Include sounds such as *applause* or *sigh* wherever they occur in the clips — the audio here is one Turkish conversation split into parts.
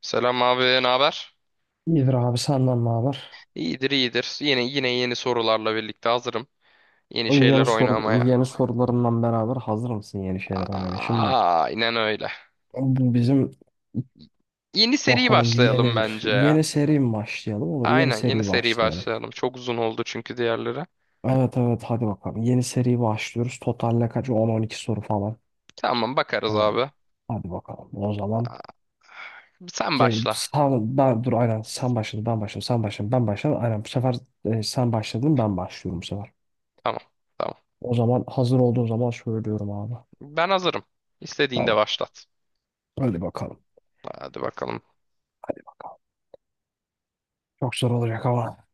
Selam abi, ne haber? İyidir abi senden ne haber? İyidir, iyidir. Yine yeni sorularla birlikte hazırım. Yeni şeyler oynamaya. Yeni sorularından beraber hazır mısın yeni şeyler oynamaya? Şimdi Aa, aynen öyle. bu bizim Yeni seri bakalım bir yeni başlayalım bir bence ya. yeni seri mi başlayalım? Olur, yeni Aynen yeni seri seri başlayalım. başlayalım. Çok uzun oldu çünkü diğerleri. Evet, evet, hadi bakalım. Yeni seri başlıyoruz. Total kaç? 10-12 soru falan. Tamam bakarız Tamam. abi. Hadi bakalım. O zaman Sen başla. sen, ben dur, aynen sen başladın ben başladım sen başladın ben başladım. Aynen bu sefer, sen başladın ben başlıyorum bu sefer. Tamam, tamam. O zaman hazır olduğun zaman söylüyorum abi. Ben hazırım. İstediğinde Tamam. başlat. Hadi bakalım. Hadi bakalım. Çok zor olacak ama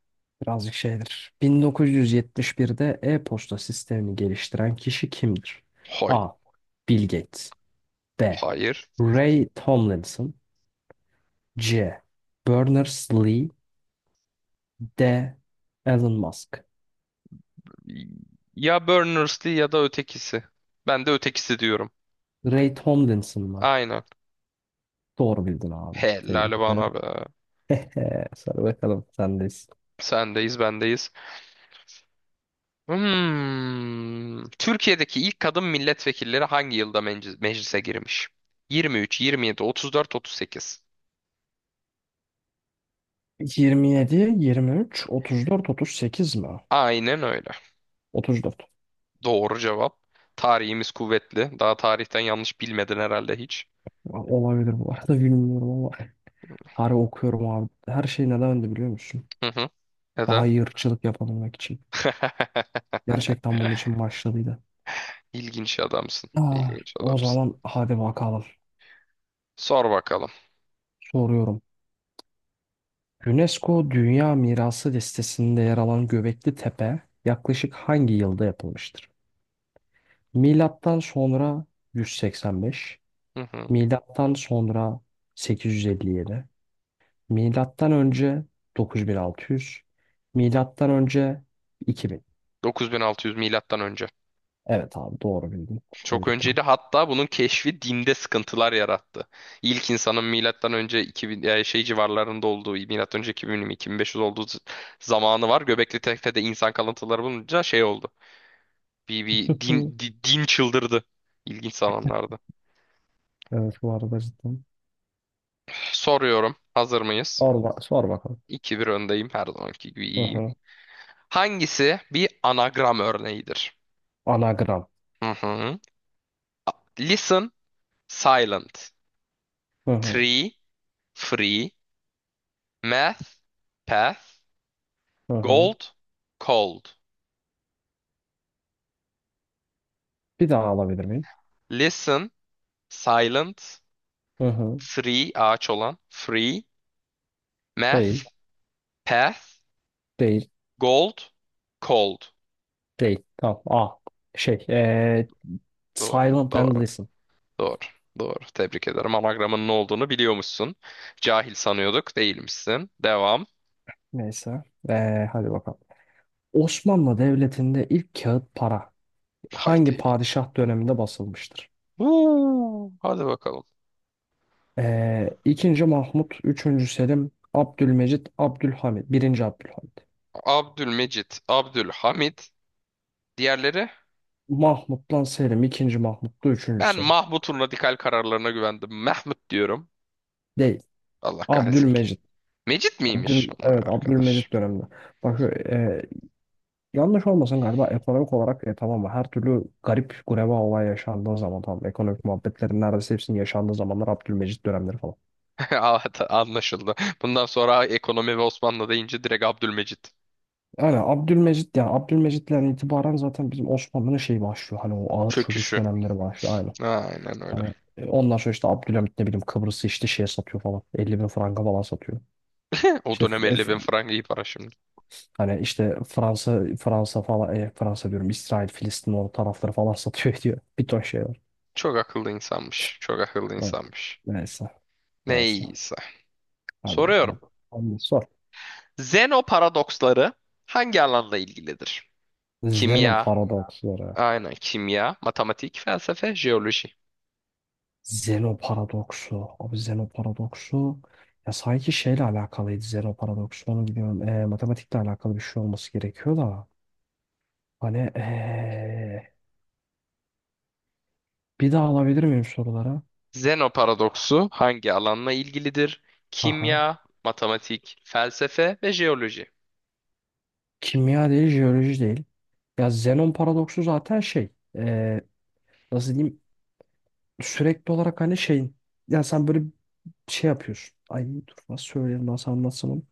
birazcık şeydir. 1971'de e-posta sistemini geliştiren kişi kimdir? Hay, A. Bill Gates. B. hayır. Ray Tomlinson. C. Berners-Lee. D. Elon Musk. Ya Berners Lee ya da ötekisi. Ben de ötekisi diyorum. Ray Tomlinson mı? Aynen. Doğru bildin abi. Tebrik Helal ederim. bana be. *laughs* Sor bakalım, sendeyiz. Sendeyiz, bendeyiz. Hmm. Türkiye'deki ilk kadın milletvekilleri hangi yılda meclise girmiş? 23, 27, 34, 38. 27, 23, 34, 38 mi? Aynen öyle. 34. Doğru cevap. Tarihimiz kuvvetli. Daha tarihten yanlış bilmedin herhalde hiç. Olabilir bu arada, bilmiyorum ama. Harbi okuyorum abi. Her şey neden öndü biliyor musun? Hı hı. Neden? Daha iyi ırkçılık yapabilmek için. *laughs* Gerçekten bunun için başladıydı. İlginç adamsın. Ah, İlginç o adamsın. zaman hadi bakalım. Sor bakalım. Soruyorum. UNESCO Dünya Mirası listesinde yer alan Göbekli Tepe yaklaşık hangi yılda yapılmıştır? Milattan sonra 185, Hı hı. milattan sonra 857, milattan önce 9600, milattan önce 2000. 9600 milattan önce. Evet, abi doğru bildin. Çok Tebrikler. önceydi, hatta bunun keşfi dinde sıkıntılar yarattı. İlk insanın milattan önce 2000 şey civarlarında olduğu, milattan önce 2000-2500 olduğu zamanı var. Göbekli Tepe'de insan kalıntıları bulunca şey oldu. Bir *laughs* Hı. din, din çıldırdı. İlginç zamanlarda. Evet, bu arada cidden. Soruyorum, hazır mıyız? Sor, sor bakalım. 2 bir öndeyim, her zamanki gibi Hı iyiyim. hı. Hangisi bir anagram örneğidir? Anagram. Hı hı. Listen, silent, Hı hı. tree, free, math, path, Hı hı. gold, cold. Bir daha alabilir miyim? Listen, silent. Hı hı. Free, ağaç olan. Free. Değil. Math, path. Değil. Gold, cold. Değil. Tamam. A. Şey. Doğru, Silent and doğru, listen. doğru, doğru. Tebrik ederim. Anagramın ne olduğunu biliyormuşsun. Cahil sanıyorduk, değilmişsin. Devam. Neyse. Hadi bakalım. Osmanlı Devleti'nde ilk kağıt para hangi Haydi. padişah döneminde basılmıştır? Huu, hadi bakalım. İkinci Mahmut, üçüncü Selim, Abdülmecit, Abdülhamid, birinci Abdülhamid. Abdülmecit, Abdülhamid. Diğerleri? Mahmut'tan Selim, ikinci Mahmut'ta üçüncü Ben Selim. Mahmut'un radikal kararlarına güvendim. Mehmet diyorum. Değil. Allah kahretsin ki. Abdülmecit. Mecit miymiş? Evet, Vay Abdülmecit arkadaş. döneminde. Bak, e, yanlış olmasın, galiba ekonomik olarak, tamam mı? Her türlü garip gureba olay yaşandığı zaman, tamam, ekonomik muhabbetlerin neredeyse hepsinin yaşandığı zamanlar Abdülmecit dönemleri falan. *laughs* Evet, anlaşıldı. Bundan sonra ekonomi ve Osmanlı deyince direkt Abdülmecit. Yani Abdülmecit, yani Abdülmecit'ten itibaren zaten bizim Osmanlı'nın şeyi başlıyor. Hani o ağır çöküş Çöküşü. dönemleri başlıyor. Aynen. Aynen öyle. *laughs* Hani, ondan sonra işte Abdülhamit, ne bileyim, Kıbrıs'ı işte şeye satıyor falan. 50 bin franka falan satıyor. O İşte dönem 50 bin frank iyi para şimdi. hani işte Fransa Fransa falan, Fransa diyorum, İsrail Filistin o tarafları falan *laughs* satıyor ediyor. Bir ton şey var. Çok akıllı insanmış. Çok akıllı Evet, insanmış. neyse. Neyse. Neyse. Hadi Soruyorum. bakalım. Hadi sor. Zeno paradoksları hangi alanla ilgilidir? Zeno Kimya. paradoksları. Aynen kimya, matematik, felsefe, jeoloji. Zeno paradoksu. Abi, Zeno paradoksu. Ya sanki şeyle alakalıydı Zeno paradoksu. Onu biliyorum. Matematikle alakalı bir şey olması gerekiyor da. Hani, bir daha alabilir miyim sorulara? Zeno paradoksu hangi alanla ilgilidir? Kimya, Aha. matematik, felsefe ve jeoloji. Kimya değil, jeoloji değil. Ya Zenon paradoksu zaten şey. Nasıl diyeyim? Sürekli olarak hani şeyin. Ya sen böyle şey yapıyorsun. Ay dur, nasıl söyleyelim, nasıl anlatsam onu.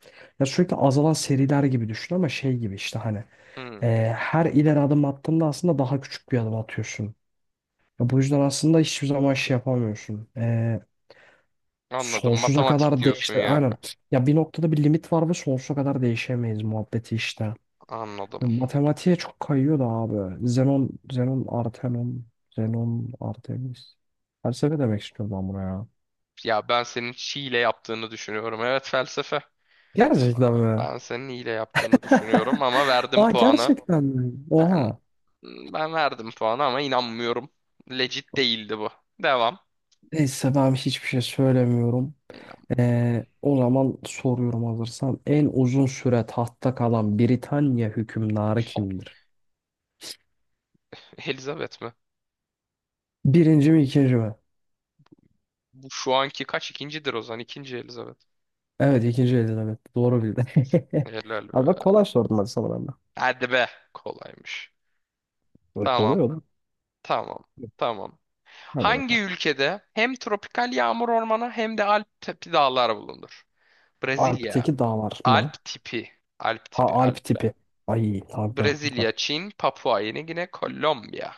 Ya sürekli azalan seriler gibi düşün, ama şey gibi işte, hani, Hmm, her ileri adım attığında aslında daha küçük bir adım atıyorsun. Ya bu yüzden aslında hiçbir zaman şey yapamıyorsun. Anladım. Sonsuza Matematik kadar diyorsun değişti. yani. Aynen. Ya bir noktada bir limit var ve sonsuza kadar değişemeyiz muhabbeti işte. Anladım. Yani matematiğe çok kayıyor da abi. Zenon, Zenon, Artenon, Zenon, Artemis. Felsefe demek istiyorum ben buna ya. Ya ben senin hile yaptığını düşünüyorum. Evet, felsefe. Gerçekten mi? Ben senin hile yaptığını düşünüyorum *laughs* ama verdim Aa, puanı. gerçekten mi? Ben Oha. ben verdim puanı ama inanmıyorum. Legit değildi bu. Devam. Neyse, ben hiçbir şey söylemiyorum. İnan. O zaman soruyorum hazırsan. En uzun süre tahtta kalan Britanya hükümdarı Hop. kimdir? Elizabeth mi? Birinci mi, ikinci mi? Bu şu anki kaç ikincidir o zaman? İkinci Elizabeth. Evet, ikinci Elizabeth. Doğru bildin. *laughs* Helal Abi bak, be. kolay sordum hadi sana ben de. Hadi be. Kolaymış. Böyle kolay Tamam. olur. Tamam. Tamam. Hadi Hangi bakalım. ülkede hem tropikal yağmur ormanı hem de Alp tepi dağlar bulunur? Brezilya. Alp'teki dağlar mı? Alp tipi. Alp Ha, tipi. Alp Alpler. tipi. Ay abi ya. Brezilya, Çin, Papua Yeni Gine, Kolombiya.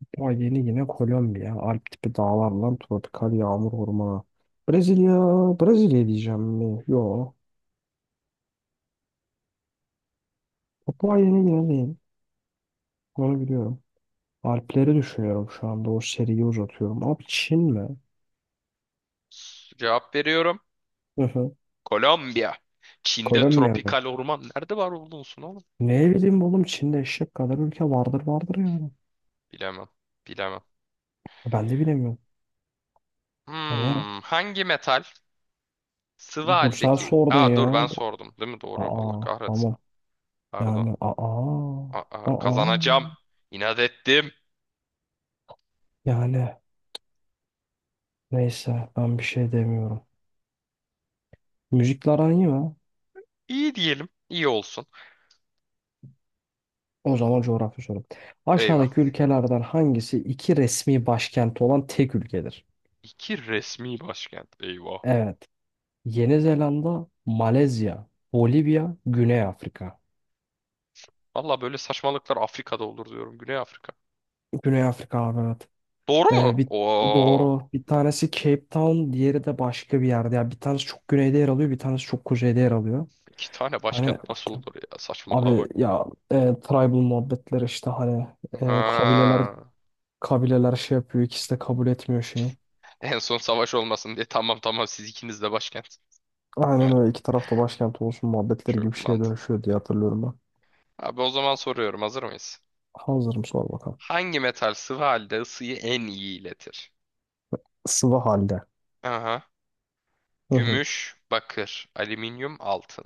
Papua yeni yine Kolombiya. Alp tipi dağlarla tropikal yağmur ormanı. Brezilya. Brezilya diyeceğim mi? Yo. Papua yeni yine değil. Onu biliyorum. Alpleri düşünüyorum şu anda. O seriyi uzatıyorum. Abi, Çin mi? Cevap veriyorum. Hı hı. Kolombiya. Çin'de Kolombiya mı? tropikal orman nerede var olursun oğlum? Ne bileyim oğlum, Çin'de eşek kadar ülke vardır vardır yani. Bilemem. Bilemem. Ben de bilemiyorum. Hani ya. Hmm, hangi metal sıvı Dur, sen haldeki... sordun Aa ya. dur, ben sordum değil mi? Doğru. Allah Aa, kahretsin. tamam. Pardon. Yani, aa. Aa, kazanacağım. Aa. İnat ettim. Yani neyse, ben bir şey demiyorum. Müzikle aran iyi mi? İyi diyelim. İyi olsun. O zaman coğrafya sorum. Eyvah. Aşağıdaki ülkelerden hangisi iki resmi başkenti olan tek ülkedir? İki resmi başkent. Eyvah. Evet. Yeni Zelanda, Malezya, Bolivya, Güney Afrika. Valla böyle saçmalıklar Afrika'da olur diyorum. Güney Afrika. Güney Afrika abi, evet. Doğru Ee, mu? bir, Oo, doğru. Bir tanesi Cape Town, diğeri de başka bir yerde. Yani bir tanesi çok güneyde yer alıyor, bir tanesi çok kuzeyde yer alıyor. iki tane Hani, başkent nasıl olur ya? Saçmalığa abi bak. ya, tribal muhabbetler işte, hani, e, kabileler Ha. Kabileler şey yapıyor. İkisi de kabul etmiyor şeyi. En son savaş olmasın diye, tamam tamam siz ikiniz de başkent. Aynen *laughs* öyle. İki tarafta başkent olsun muhabbetleri gibi Çok bir şeye mantıklı. dönüşüyor diye hatırlıyorum ben. Abi, o zaman soruyorum, hazır mıyız? Hazırım, sor bakalım. Hangi metal sıvı halde ısıyı en iyi iletir? Sıvı halde. Aha. Hı hı. Gümüş, bakır, alüminyum, altın.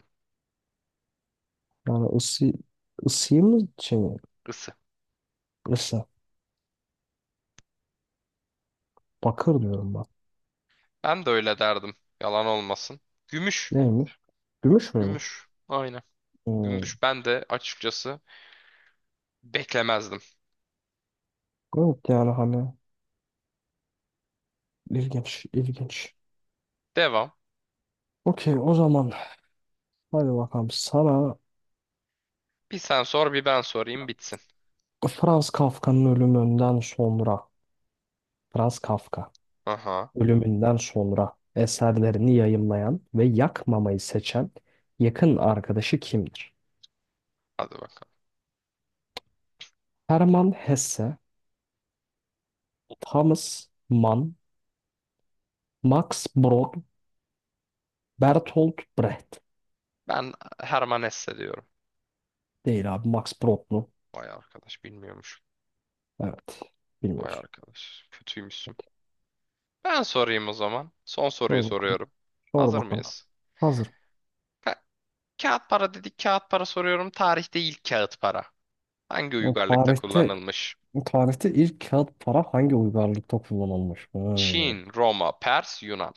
Yani ısıyı mı, şey mi? Isı. Isı. Bakır diyorum ben. Ben de öyle derdim. Yalan olmasın. Gümüş. Neymiş? Gümüş müymüş? Gümüş. Aynen. Hmm. Gümüş, ben de açıkçası beklemezdim. Evet yani hani ilginç, ilginç. Devam. Okey, o zaman hadi bakalım sana. Bir sen sor bir ben sorayım bitsin. Franz Kafka'nın ölümünden sonra Franz Kafka Aha. ölümünden sonra eserlerini yayımlayan ve yakmamayı seçen yakın arkadaşı kimdir? Hadi bakalım. Hermann Hesse, Thomas Mann, Max Brod, Bertolt Brecht. Ben Herman Hesse diyorum. Değil abi, Max Brod mu? Vay arkadaş, bilmiyormuş. Evet. Vay Bilmiyoruz. arkadaş, kötüymüşsün. Ben sorayım o zaman. Son soruyu Sor bakalım. soruyorum. Sor Hazır bakalım. mıyız? Hazır. Ka- kağıt para dedik, kağıt para soruyorum. Tarihte ilk kağıt para. Hangi O uygarlıkta tarihte kullanılmış? Bu tarihte ilk kağıt para hangi uygarlıkta kullanılmış? Hmm. Çin, Roma, Pers, Yunan.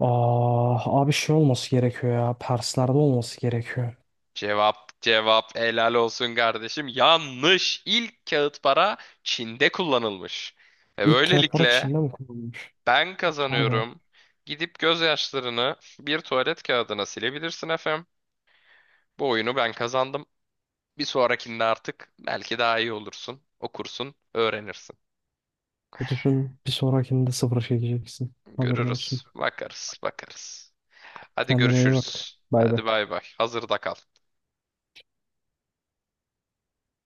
Ah, abi şey olması gerekiyor ya. Perslerde olması gerekiyor. Cevap, cevap, helal olsun kardeşim. Yanlış. İlk kağıt para Çin'de kullanılmış. Ve İlk kağıt para böylelikle Çin'de mi kullanılmış? ben Aynen. kazanıyorum. Gidip gözyaşlarını bir tuvalet kağıdına silebilirsin efem. Bu oyunu ben kazandım. Bir sonrakinde artık belki daha iyi olursun. Okursun, öğrenirsin. Düşün, bir sonrakinde sıfır çekeceksin. Haberin olsun. Görürüz, bakarız, bakarız. Hadi Kendine iyi bak. görüşürüz. Bay Hadi bay. bay bay. Hazırda kal.